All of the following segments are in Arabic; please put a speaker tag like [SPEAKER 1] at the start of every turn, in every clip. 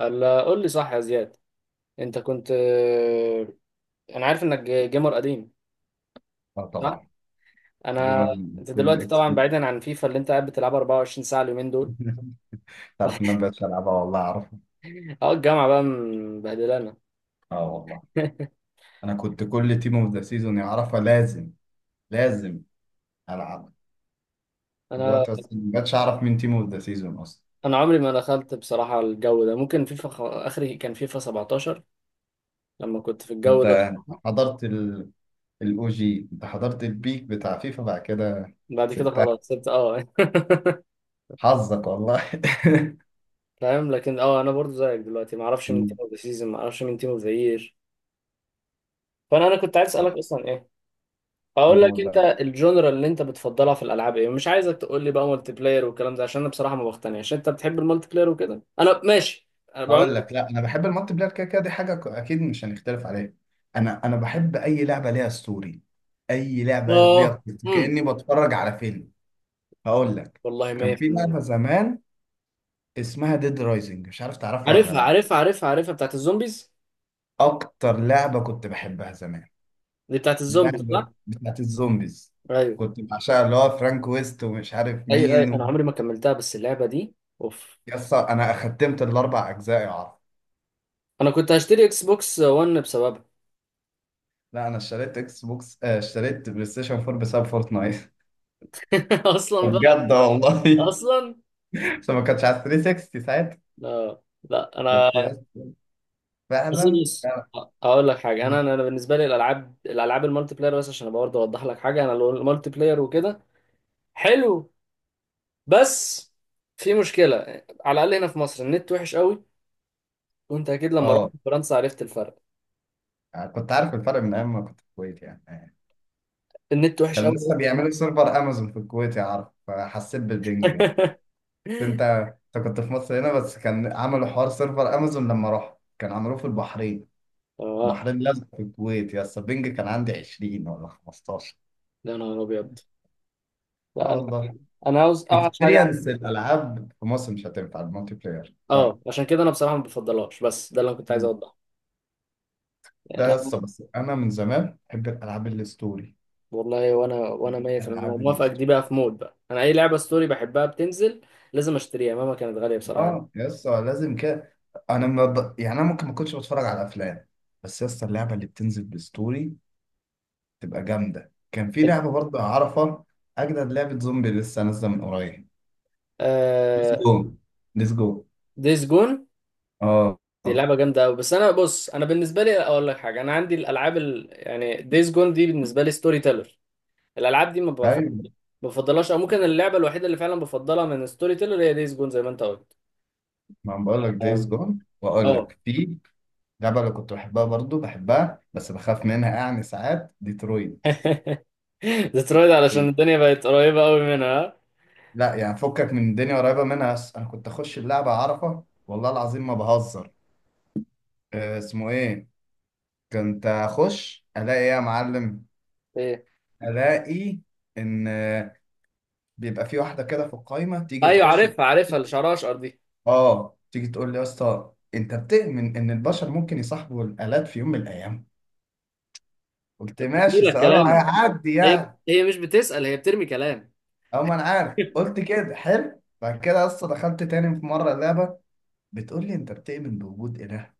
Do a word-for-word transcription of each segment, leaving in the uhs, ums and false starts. [SPEAKER 1] الا قول لي صح يا زياد، انت كنت آه، انا عارف انك جيمر قديم.
[SPEAKER 2] اه
[SPEAKER 1] صح.
[SPEAKER 2] طبعا.
[SPEAKER 1] انا
[SPEAKER 2] جيمر،
[SPEAKER 1] انت
[SPEAKER 2] فين
[SPEAKER 1] دلوقتي
[SPEAKER 2] اكس
[SPEAKER 1] طبعا
[SPEAKER 2] بوكس.
[SPEAKER 1] بعيدا عن فيفا اللي انت قاعد بتلعبها أربعة وعشرين ساعه اليومين دول.
[SPEAKER 2] تعرف ان انا مبقتش العبها، والله اعرفها.
[SPEAKER 1] اه، الجامعه بقى مبهدلانا.
[SPEAKER 2] اه والله. انا كنت كل تيم اوف ذا سيزون يعرفها، لازم لازم العبها.
[SPEAKER 1] انا
[SPEAKER 2] دلوقتي بس مبقتش اعرف مين تيم اوف ذا سيزون اصلا.
[SPEAKER 1] انا عمري ما دخلت بصراحه الجو ده، ممكن فيفا خ... اخري كان فيفا سبعتاشر لما كنت في الجو ده
[SPEAKER 2] انت
[SPEAKER 1] طبعاً.
[SPEAKER 2] حضرت الاو جي، انت حضرت البيك بتاع فيفا بعد كده.
[SPEAKER 1] بعد كده
[SPEAKER 2] سبتها،
[SPEAKER 1] خلاص سبت اه
[SPEAKER 2] حظك والله.
[SPEAKER 1] فاهم، لكن اه انا برضو زيك دلوقتي ما اعرفش مين تيم
[SPEAKER 2] مم.
[SPEAKER 1] اوف ذا سيزون، ما اعرفش مين تيم اوف ذا يير. فانا انا كنت عايز اسالك
[SPEAKER 2] آه.
[SPEAKER 1] اصلا، ايه اقول لك، انت
[SPEAKER 2] والله
[SPEAKER 1] الجونرا اللي انت بتفضلها في الالعاب ايه؟ مش عايزك تقول لي بقى مالتي بلاير والكلام ده، عشان انا بصراحه ما بقتنعش انت بتحب المالتي بلاير وكده، انا ماشي. انا
[SPEAKER 2] هقول
[SPEAKER 1] بعمل،
[SPEAKER 2] لك، لا انا بحب المالتي بلاير كده كده، دي حاجه ك- اكيد مش هنختلف عليها. انا انا بحب اي لعبه ليها ستوري، اي لعبه ليها
[SPEAKER 1] اه
[SPEAKER 2] قصة،
[SPEAKER 1] امم
[SPEAKER 2] كاني بتفرج على فيلم. هقول لك،
[SPEAKER 1] والله
[SPEAKER 2] كان في
[SPEAKER 1] مية في المية.
[SPEAKER 2] لعبه زمان اسمها ديد رايزنج، مش عارف تعرفها ولا
[SPEAKER 1] عارفها
[SPEAKER 2] لا.
[SPEAKER 1] عارفها عارفها عارفها، بتاعت الزومبيز.
[SPEAKER 2] اكتر لعبه كنت بحبها زمان،
[SPEAKER 1] دي بتاعت الزومبيز
[SPEAKER 2] لعبه
[SPEAKER 1] صح.
[SPEAKER 2] بتاعت الزومبيز،
[SPEAKER 1] ايوه
[SPEAKER 2] كنت بعشقها، اللي هو فرانك ويست ومش عارف
[SPEAKER 1] ايوه ايوه،
[SPEAKER 2] مين
[SPEAKER 1] انا
[SPEAKER 2] و...
[SPEAKER 1] عمري ما كملتها بس اللعبه دي اوف.
[SPEAKER 2] يس انا ختمت الاربع اجزاء يا عرب.
[SPEAKER 1] انا كنت هشتري اكس بوكس ون بسببها.
[SPEAKER 2] لا انا اشتريت اكس بوكس، آه، اشتريت بلاي ستيشن فور بسبب فورتنايت.
[SPEAKER 1] اصلا بقى،
[SPEAKER 2] بجد والله.
[SPEAKER 1] اصلا.
[SPEAKER 2] بس ما كانتش على ثري سيكستي ساعتها.
[SPEAKER 1] لا لا، انا.
[SPEAKER 2] بس يا اسطى
[SPEAKER 1] اصل
[SPEAKER 2] فعلا
[SPEAKER 1] بص،
[SPEAKER 2] فعلا.
[SPEAKER 1] اقول لك حاجه. انا انا بالنسبه لي الالعاب، الالعاب المالتي بلاير بس عشان برضه اوضح لك حاجه، انا لو المالتي بلاير وكده حلو، بس في مشكله، على الاقل هنا في مصر النت وحش قوي، وانت اكيد لما رحت
[SPEAKER 2] اه،
[SPEAKER 1] فرنسا عرفت الفرق.
[SPEAKER 2] يعني كنت عارف الفرق من ايام ما كنت في الكويت يعني.
[SPEAKER 1] النت وحش
[SPEAKER 2] كان
[SPEAKER 1] قوي بس.
[SPEAKER 2] لسه بيعملوا سيرفر امازون في الكويت يا عارف، فحسيت بالبنج بقى. انت انت كنت في مصر هنا بس كان عملوا حوار سيرفر امازون، لما رحت كان عملوه في البحرين.
[SPEAKER 1] اه.
[SPEAKER 2] البحرين لازم، في الكويت يا اسطى البنج كان عندي عشرين ولا خمستاشر.
[SPEAKER 1] يا نهار ابيض! لا
[SPEAKER 2] اه
[SPEAKER 1] انا
[SPEAKER 2] والله.
[SPEAKER 1] انا عاوز اوحش حاجه عندي.
[SPEAKER 2] اكسبيرينس الالعاب في مصر مش هتنفع المالتي بلاير، فاهم؟
[SPEAKER 1] اه، عشان كده انا بصراحه ما بفضلهاش، بس ده اللي انا كنت عايز
[SPEAKER 2] لا يا اسطى،
[SPEAKER 1] اوضحه.
[SPEAKER 2] بس انا من زمان بحب الالعاب الستوري،
[SPEAKER 1] والله، وانا وانا ميت، انا
[SPEAKER 2] العاب
[SPEAKER 1] موافقك. دي
[SPEAKER 2] الاستوديو.
[SPEAKER 1] بقى في مود بقى، انا اي لعبه ستوري بحبها بتنزل لازم اشتريها مهما كانت غاليه بصراحه.
[SPEAKER 2] اه يا اسطى لازم كده. انا ما ب... يعني انا ممكن ما كنتش بتفرج على افلام، بس يا اسطى اللعبه اللي بتنزل بالستوري تبقى جامده. كان في لعبه برضه اعرفها، اجدد لعبه زومبي لسه نازله من قريب، ديز
[SPEAKER 1] آه
[SPEAKER 2] جو ديز جو.
[SPEAKER 1] ديز جون
[SPEAKER 2] اه.
[SPEAKER 1] دي
[SPEAKER 2] آه.
[SPEAKER 1] لعبه جامده قوي، بس انا بص، انا بالنسبه لي اقول لك حاجه، انا عندي الالعاب ال... يعني ديز جون دي بالنسبه لي ستوري تيلر. الالعاب دي ما بفضل
[SPEAKER 2] ايوه،
[SPEAKER 1] ما بفضلهاش، او ممكن اللعبه الوحيده اللي فعلا بفضلها من ستوري تيلر هي ديز جون زي ما انت قلت.
[SPEAKER 2] ما أنا بقول لك ديز
[SPEAKER 1] أم،
[SPEAKER 2] جو. واقول
[SPEAKER 1] اه.
[SPEAKER 2] لك في لعبه اللي كنت بحبها برضه، بحبها بس بخاف منها يعني ساعات، ديترويد.
[SPEAKER 1] ديترويد، علشان الدنيا بقت قريبه قوي منها ها؟
[SPEAKER 2] لا يعني فكك من الدنيا قريبه منها، بس انا كنت اخش اللعبه اعرفها، والله العظيم ما بهزر. آه، اسمه ايه، كنت اخش الاقي ايه يا معلم.
[SPEAKER 1] ايه؟
[SPEAKER 2] الاقي ان آه، بيبقى في واحده كده في القايمه تيجي
[SPEAKER 1] ايوه،
[SPEAKER 2] تخش.
[SPEAKER 1] عارفها عارفها، اللي شعرها اشقر دي.
[SPEAKER 2] اه، تيجي تقول لي يا اسطى، انت بتؤمن ان البشر ممكن يصاحبوا الالات في يوم من الايام؟ قلت ماشي،
[SPEAKER 1] جميلة
[SPEAKER 2] سؤاله
[SPEAKER 1] الكلام.
[SPEAKER 2] هيعدي
[SPEAKER 1] هي
[SPEAKER 2] يعني.
[SPEAKER 1] هي مش بتسأل، هي بترمي كلام.
[SPEAKER 2] او ما انا عارف قلت كده حلو. بعد كده يا اسطى دخلت تاني في مره لعبه بتقول لي، انت بتؤمن بوجود اله؟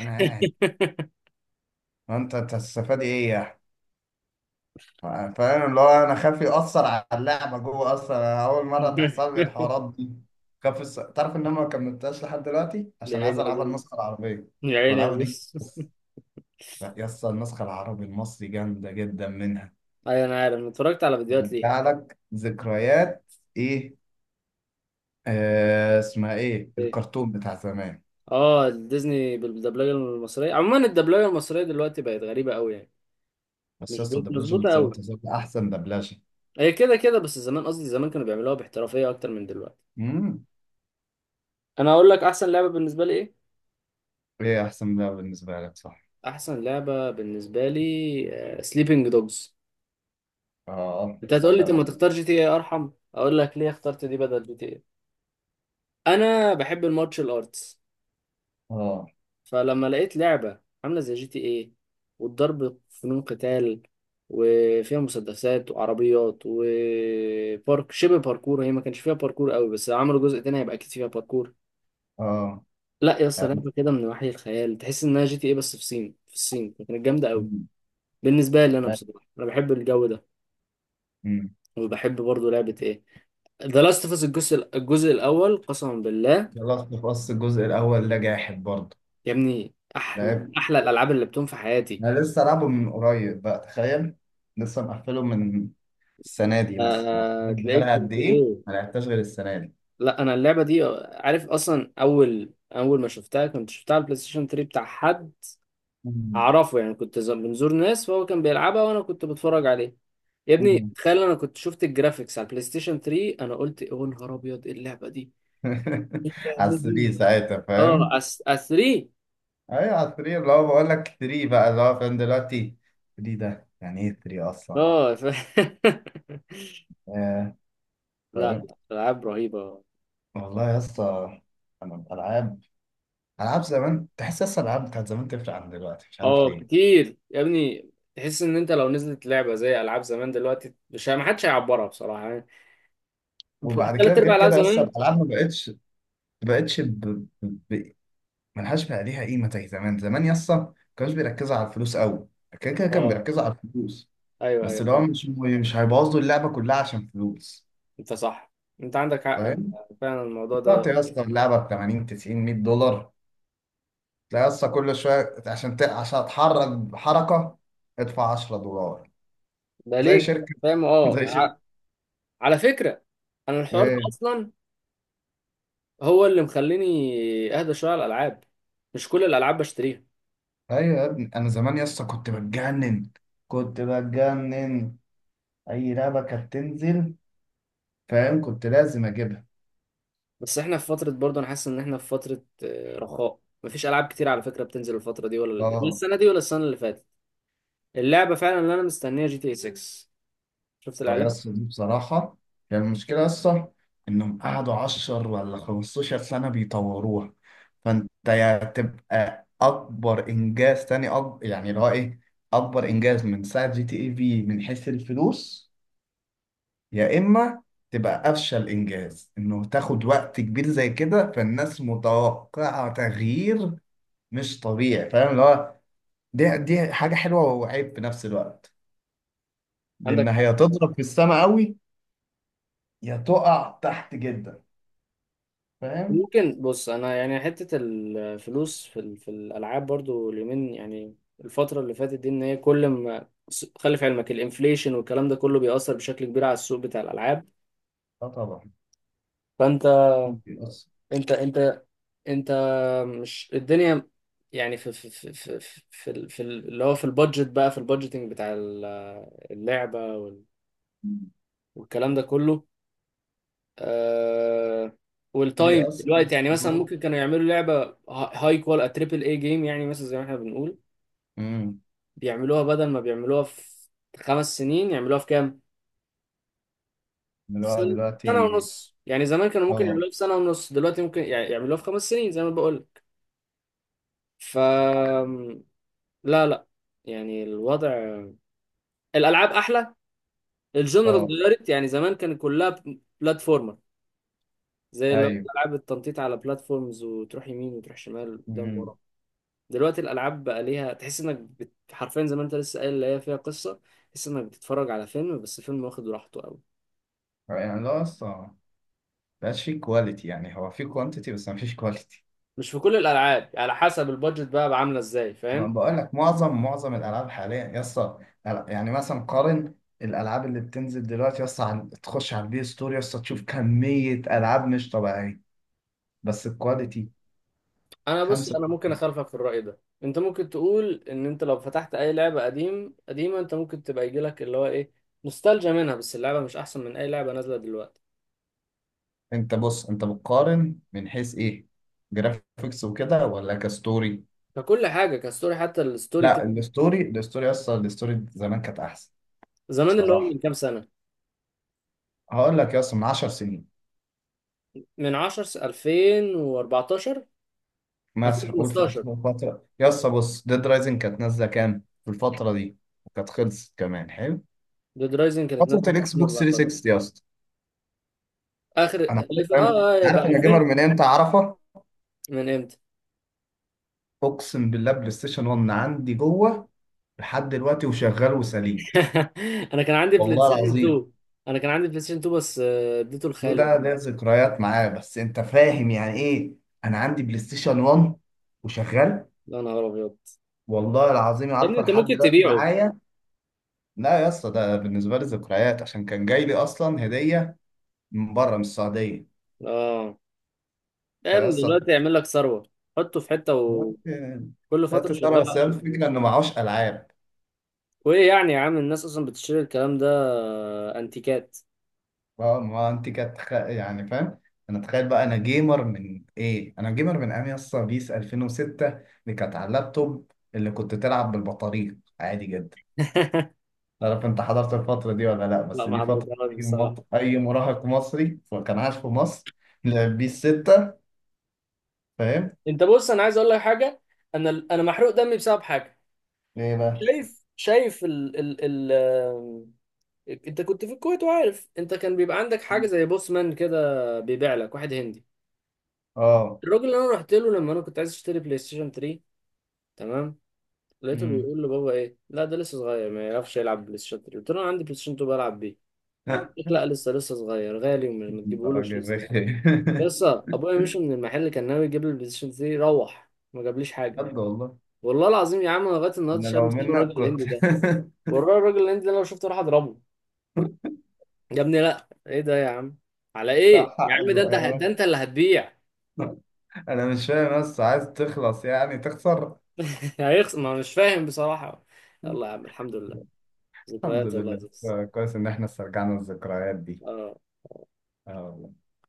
[SPEAKER 2] انا قاعد وانت هتستفاد ايه يعني؟ فاهم اللي هو انا خايف يأثر على اللعبة جوه، اصلا انا اول مرة تحصل لي الحوارات دي. خاف الس... تعرف ان انا ما كملتهاش لحد دلوقتي
[SPEAKER 1] يا
[SPEAKER 2] عشان عايز
[SPEAKER 1] عيني يا
[SPEAKER 2] العبها
[SPEAKER 1] زوز،
[SPEAKER 2] النسخة العربية، كنت
[SPEAKER 1] يا عيني يا
[SPEAKER 2] بلعبها الانجليزي
[SPEAKER 1] زوز.
[SPEAKER 2] بس. لا يا اسطى النسخة العربي المصري جامدة جدا منها.
[SPEAKER 1] ايوه انا عارف، أنا اتفرجت على فيديوهات ليه.
[SPEAKER 2] بترجع لك ذكريات. ايه، آه، اسمها ايه
[SPEAKER 1] إيه؟
[SPEAKER 2] الكرتون بتاع زمان.
[SPEAKER 1] اه، ديزني بالدبلجه المصريه. عموما الدبلجه المصريه دلوقتي بقت غريبه قوي يعني،
[SPEAKER 2] بس
[SPEAKER 1] مش
[SPEAKER 2] يا اسطى
[SPEAKER 1] بقت
[SPEAKER 2] الدبلجة
[SPEAKER 1] مظبوطه
[SPEAKER 2] المصرية
[SPEAKER 1] قوي،
[SPEAKER 2] تظل احسن دبلجة.
[SPEAKER 1] هي كده كده، بس زمان، قصدي زمان، كانوا بيعملوها باحترافيه اكتر من دلوقتي.
[SPEAKER 2] امم
[SPEAKER 1] انا هقول لك احسن لعبه بالنسبه لي ايه؟
[SPEAKER 2] ايه احسن ده بالنسبة لك، صح.
[SPEAKER 1] احسن لعبه بالنسبه لي سليبنج دوجز.
[SPEAKER 2] اه
[SPEAKER 1] انت هتقول لي طب
[SPEAKER 2] صدق.
[SPEAKER 1] ما تختار جي تي اي ارحم، اقول لك ليه اخترت دي بدل جي تي اي. انا بحب المارشال ارتس،
[SPEAKER 2] اه.
[SPEAKER 1] فلما لقيت لعبة عاملة زي جي تي ايه والضرب فنون قتال، وفيها مسدسات وعربيات وبارك، شبه باركور، هي ما كانش فيها باركور قوي بس عملوا جزء تاني هيبقى اكيد فيها باركور.
[SPEAKER 2] اه.
[SPEAKER 1] لا يا اسطى، لعبة كده من وحي الخيال، تحس انها جي تي ايه بس في الصين، في الصين كانت جامدة قوي
[SPEAKER 2] مم.
[SPEAKER 1] بالنسبة لي. انا بصراحة انا بحب الجو ده.
[SPEAKER 2] مم.
[SPEAKER 1] وبحب برضو لعبة ايه، ذا لاست اوف اس، الجزء الجزء الاول قسما بالله.
[SPEAKER 2] خلاص بص، الجزء الأول ده جاحد برضه.
[SPEAKER 1] يا ابني، احلى
[SPEAKER 2] لعب،
[SPEAKER 1] احلى الالعاب اللي لعبتهم في حياتي.
[SPEAKER 2] أنا لسه لعبه من قريب بقى، تخيل، لسه مقفله من السنة دي مثلا يعني،
[SPEAKER 1] آه، تلاقيك
[SPEAKER 2] بقالها قد
[SPEAKER 1] كنت
[SPEAKER 2] إيه؟
[SPEAKER 1] ايه.
[SPEAKER 2] ما لعبتهاش غير السنة دي.
[SPEAKER 1] لا انا اللعبه دي، عارف اصلا، اول اول ما شفتها كنت شفتها على البلاي ستيشن ثري بتاع حد
[SPEAKER 2] مم.
[SPEAKER 1] اعرفه، يعني كنت ز- بنزور ناس فهو كان بيلعبها وانا كنت بتفرج عليه. يا ابني
[SPEAKER 2] مم.
[SPEAKER 1] تخيل، انا كنت شفت الجرافيكس على البلاي ستيشن ثري، انا قلت إيه، يا نهار ابيض ايه اللعبه دي، ايه
[SPEAKER 2] على
[SPEAKER 1] اللعبه دي!
[SPEAKER 2] تلاته ساعتها فاهم؟
[SPEAKER 1] اه، أس... أس تلاتة.
[SPEAKER 2] أيوة على تلاته، اللي هو بقول لك تلاته بقى اللي هو فاهم دلوقتي، ثري ده يعني إيه تلاته أصلا يعني؟
[SPEAKER 1] اه ف...
[SPEAKER 2] آه،
[SPEAKER 1] لا
[SPEAKER 2] فاهم؟
[SPEAKER 1] لا، العاب رهيبه.
[SPEAKER 2] والله يا اسطى، أنا الألعاب، ألعاب زمان تحس أصلا الألعاب بتاعت زمان تفرق عن دلوقتي، مش عارف
[SPEAKER 1] اه
[SPEAKER 2] ليه.
[SPEAKER 1] كتير يا ابني، تحس ان انت لو نزلت لعبه زي العاب زمان دلوقتي، مش، ما حدش هيعبرها بصراحه يعني،
[SPEAKER 2] وبعد كده
[SPEAKER 1] ثلاث
[SPEAKER 2] غير
[SPEAKER 1] ارباع العاب
[SPEAKER 2] كده يس
[SPEAKER 1] زمان.
[SPEAKER 2] الالعاب ما بقتش ما بقتش ب... ب... ملهاش بقى ليها قيمه زي زمان. زمان يس ما كانوش بيركزوا على الفلوس قوي، كده كده كان
[SPEAKER 1] اه.
[SPEAKER 2] بيركزوا على الفلوس
[SPEAKER 1] ايوه
[SPEAKER 2] بس
[SPEAKER 1] ايوه
[SPEAKER 2] اللي هو
[SPEAKER 1] فاهم.
[SPEAKER 2] مش مش هيبوظوا اللعبه كلها عشان فلوس،
[SPEAKER 1] انت صح، انت عندك حق، انا
[SPEAKER 2] فاهم؟
[SPEAKER 1] فعلا الموضوع ده
[SPEAKER 2] دلوقتي يس اللعبه ب تمانين تسعين ميه دولار، تلاقي يس كل شويه عشان ت... عشان اتحرك حركه ادفع عشره دولار،
[SPEAKER 1] ده
[SPEAKER 2] زي
[SPEAKER 1] ليك،
[SPEAKER 2] شركه.
[SPEAKER 1] فاهم. اه
[SPEAKER 2] زي شركه.
[SPEAKER 1] ع- على فكره، انا الحوار ده
[SPEAKER 2] ايه؟
[SPEAKER 1] اصلا هو اللي مخليني اهدى شويه على الالعاب، مش كل الالعاب بشتريها.
[SPEAKER 2] ايوه يا ابني، انا زمان يس كنت بتجنن كنت بتجنن، اي لعبه كانت تنزل فاهم كنت لازم اجيبها.
[SPEAKER 1] بس احنا في فتره برضه انا حاسس ان احنا في فتره آه، رخاء، مفيش العاب كتير على فكره بتنزل الفتره دي ولا لا،
[SPEAKER 2] اه.
[SPEAKER 1] السنه دي ولا السنه اللي فاتت. اللعبه فعلا اللي انا مستنيها جي تي اي سيكس، شفت
[SPEAKER 2] اه
[SPEAKER 1] الاعلان.
[SPEAKER 2] يس دي بصراحه، كان المشكله يس انهم قعدوا عشره ولا خمستاشر سنه بيطوروها. فانت يا تبقى اكبر انجاز، تاني أكبر يعني اللي هو ايه، اكبر انجاز من ساعه جي تي اي في من حيث الفلوس. يا اما تبقى افشل انجاز، انه تاخد وقت كبير زي كده فالناس متوقعه تغيير مش طبيعي. فاهم اللي هو، دي دي حاجه حلوه وعيب في نفس الوقت، لان
[SPEAKER 1] عندك.
[SPEAKER 2] هي تضرب في السماء قوي يا تقع تحت جدا. فاهم؟
[SPEAKER 1] ممكن بص، انا يعني حته الفلوس في ال- في الالعاب برضو اليومين، يعني الفتره اللي فاتت دي، ان هي كل ما، خلي في علمك الانفليشن والكلام ده كله بيأثر بشكل كبير على السوق بتاع الالعاب.
[SPEAKER 2] اه طبعا
[SPEAKER 1] فانت،
[SPEAKER 2] بيأثر.
[SPEAKER 1] انت انت انت، مش الدنيا، يعني في في في في في, ال- في ال- اللي هو في البادجت بقى، في البادجتنج بتاع ال- اللعبه وال- والكلام ده كله. آه، والتايم
[SPEAKER 2] بيأثر
[SPEAKER 1] دلوقتي،
[SPEAKER 2] بس
[SPEAKER 1] يعني مثلا
[SPEAKER 2] برضه.
[SPEAKER 1] ممكن كانوا يعملوا لعبه هاي كوال تريبل اي جيم يعني مثلا زي ما احنا بنقول،
[SPEAKER 2] امم
[SPEAKER 1] بيعملوها، بدل ما بيعملوها في خمس سنين يعملوها في كام؟
[SPEAKER 2] اللي
[SPEAKER 1] في
[SPEAKER 2] هو
[SPEAKER 1] سنة،
[SPEAKER 2] دلوقتي.
[SPEAKER 1] سنة ونص يعني، زمان كانوا ممكن
[SPEAKER 2] اه.
[SPEAKER 1] يعملوها في سنة ونص، دلوقتي ممكن يع- يعملوها في خمس سنين زي ما بقول لك. ف لا لا، يعني الوضع، الألعاب أحلى، الجنرال
[SPEAKER 2] اه.
[SPEAKER 1] اتغيرت يعني. زمان كان كلها ب- بلاتفورمر، زي اللي هو
[SPEAKER 2] ايوه.
[SPEAKER 1] ألعاب التنطيط على بلاتفورمز وتروح يمين وتروح شمال، قدام
[SPEAKER 2] امم
[SPEAKER 1] ورا. دلوقتي الألعاب بقى ليها، تحس إنك بت... حرفيا زي ما أنت لسه قايل، اللي هي فيها قصة، تحس إنك بتتفرج على فيلم، بس فيلم واخد راحته.
[SPEAKER 2] يعني لا اصلا، مبقاش فيه كواليتي، يعني هو فيه كوانتيتي بس مفيش كواليتي.
[SPEAKER 1] مش في كل الالعاب، على حسب البادجت بقى عامله ازاي،
[SPEAKER 2] ما
[SPEAKER 1] فاهم.
[SPEAKER 2] بقول لك معظم معظم الالعاب حاليا يا اسطى، يعني مثلا قارن الالعاب اللي بتنزل دلوقتي يا اسطى عن- تخش على البي ستور يا اسطى تشوف كميه العاب مش طبيعيه، بس الكواليتي.
[SPEAKER 1] انا بص،
[SPEAKER 2] خمسة.
[SPEAKER 1] انا ممكن اخالفك في الراي ده. انت ممكن تقول ان انت لو فتحت اي لعبه قديم قديمه، انت ممكن تبقى يجي لك اللي هو ايه، نوستالجيا منها، بس اللعبه مش احسن من اي لعبه نازله دلوقتي.
[SPEAKER 2] انت بص، انت بتقارن من حيث ايه، جرافيكس وكده ولا كستوري؟
[SPEAKER 1] ككل حاجه، كستوري، حتى الستوري
[SPEAKER 2] لا،
[SPEAKER 1] تيلينج.
[SPEAKER 2] الستوري الستوري اصلا الستوري زمان كانت احسن.
[SPEAKER 1] زمان، اللي هو
[SPEAKER 2] صراحه
[SPEAKER 1] من كام سنه،
[SPEAKER 2] هقول لك يا اسطى من عشرة سنين
[SPEAKER 1] من عشر س- ألفين وأربعتاشر،
[SPEAKER 2] مثلا، قول في
[SPEAKER 1] ألفين وخمستاشر،
[SPEAKER 2] الفتره يا اسطى بص ديد رايزنج كانت نازله كام في الفتره دي، وكانت خلصت كمان حلو،
[SPEAKER 1] ديد رايزنج كانت
[SPEAKER 2] فتره
[SPEAKER 1] نازله في
[SPEAKER 2] الاكس بوكس
[SPEAKER 1] ألفين وأربعتاشر
[SPEAKER 2] ثري سيكستي يا اسطى.
[SPEAKER 1] اخر.
[SPEAKER 2] انا عارف فاهم،
[SPEAKER 1] اه، آه، يبقى
[SPEAKER 2] عارف انا جيمر
[SPEAKER 1] ألفين،
[SPEAKER 2] من امتى اعرفها.
[SPEAKER 1] من امتى.
[SPEAKER 2] اقسم بالله، بلاي ستيشن ون عندي جوه لحد دلوقتي وشغال وسليم،
[SPEAKER 1] انا كان عندي بلاي
[SPEAKER 2] والله
[SPEAKER 1] ستيشن
[SPEAKER 2] العظيم.
[SPEAKER 1] تو، انا كان عندي بلاي ستيشن تو بس آه، اديته
[SPEAKER 2] دو
[SPEAKER 1] لخالي.
[SPEAKER 2] ده ليا ذكريات معاه بس انت فاهم يعني ايه، انا عندي بلاي ستيشن ون وشغال.
[SPEAKER 1] يا نهار ابيض.
[SPEAKER 2] والله العظيم
[SPEAKER 1] يا ابني
[SPEAKER 2] عارفه
[SPEAKER 1] انت
[SPEAKER 2] لحد
[SPEAKER 1] ممكن
[SPEAKER 2] دلوقتي
[SPEAKER 1] تبيعه.
[SPEAKER 2] معايا. لا يا اسطى ده بالنسبه لي ذكريات، عشان كان جاي لي اصلا هديه من بره من السعوديه.
[SPEAKER 1] اه. لا يا
[SPEAKER 2] فيا
[SPEAKER 1] ابني
[SPEAKER 2] اسطى
[SPEAKER 1] دلوقتي يعمل لك ثروه، حطه في حته وكل
[SPEAKER 2] دلوقتي،
[SPEAKER 1] فتره
[SPEAKER 2] دلوقتي ساره
[SPEAKER 1] شغاله
[SPEAKER 2] بس هي
[SPEAKER 1] عشان
[SPEAKER 2] الفكره
[SPEAKER 1] فلوس.
[SPEAKER 2] انه معهوش العاب.
[SPEAKER 1] وايه يعني يا عم؟ الناس اصلا بتشتري الكلام ده، آه، انتيكات.
[SPEAKER 2] اه ما انت كانت تخ... يعني فاهم. انا تخيل بقى، انا جيمر من ايه انا جيمر من ايام يا اسطى بيس الفين وستة، اللي كانت على اللابتوب اللي كنت تلعب بالبطاريق عادي جدا. لا عارف انت حضرت الفترة دي ولا لا،
[SPEAKER 1] لا
[SPEAKER 2] بس
[SPEAKER 1] ما
[SPEAKER 2] دي فترة
[SPEAKER 1] حضرتهاش
[SPEAKER 2] اي
[SPEAKER 1] بصراحه.
[SPEAKER 2] مط- أي مراهق مصري كان عايش في مصر لعب بيه الستة، فاهم؟
[SPEAKER 1] انت بص، انا عايز اقول لك حاجه، انا انا محروق دمي بسبب حاجه.
[SPEAKER 2] ايه بقى؟
[SPEAKER 1] شايف شايف ال ال انت كنت في الكويت، وعارف انت كان بيبقى عندك حاجه زي بوسمان كده، بيبيع لك واحد هندي.
[SPEAKER 2] اه.
[SPEAKER 1] الراجل اللي انا رحت له لما انا كنت عايز اشتري بلاي ستيشن تلاتة، تمام، لقيته
[SPEAKER 2] امم
[SPEAKER 1] بيقول لبابا ايه، لا ده لسه صغير ما يعرفش يلعب بلاي ستيشن تلاتة، قلت له انا عندي بلاي ستيشن تو بلعب بيه. قال لك لا لسه لسه صغير، غالي وما
[SPEAKER 2] انت
[SPEAKER 1] تجيبهولوش
[SPEAKER 2] راجل
[SPEAKER 1] لسه صغير.
[SPEAKER 2] رخي.
[SPEAKER 1] لسه ابويا مشي من المحل، كان ناوي يجيب لي البلاي ستيشن ثري، روح ما جابليش حاجه.
[SPEAKER 2] بجد والله.
[SPEAKER 1] والله العظيم يا عم، أنا لغايه النهارده
[SPEAKER 2] انا
[SPEAKER 1] شايل
[SPEAKER 2] لو
[SPEAKER 1] مسؤول الراجل
[SPEAKER 2] منك كنت.
[SPEAKER 1] الهندي ده، والراجل الهندي ده لو شفته راح اضربه. يا ابني لا، ايه ده يا عم، على ايه
[SPEAKER 2] لا،
[SPEAKER 1] يا
[SPEAKER 2] حق
[SPEAKER 1] عم؟ ده انت، ده
[SPEAKER 2] بقى.
[SPEAKER 1] انت اللي هتبيع.
[SPEAKER 2] انا مش فاهم بس عايز تخلص يعني تخسر.
[SPEAKER 1] هيخسر، ما أنا مش فاهم بصراحة. يلا يا عم الحمد لله،
[SPEAKER 2] الحمد
[SPEAKER 1] ذكريات والله يا
[SPEAKER 2] لله.
[SPEAKER 1] زوز.
[SPEAKER 2] كويس ان احنا استرجعنا الذكريات دي.
[SPEAKER 1] اه
[SPEAKER 2] اه والله.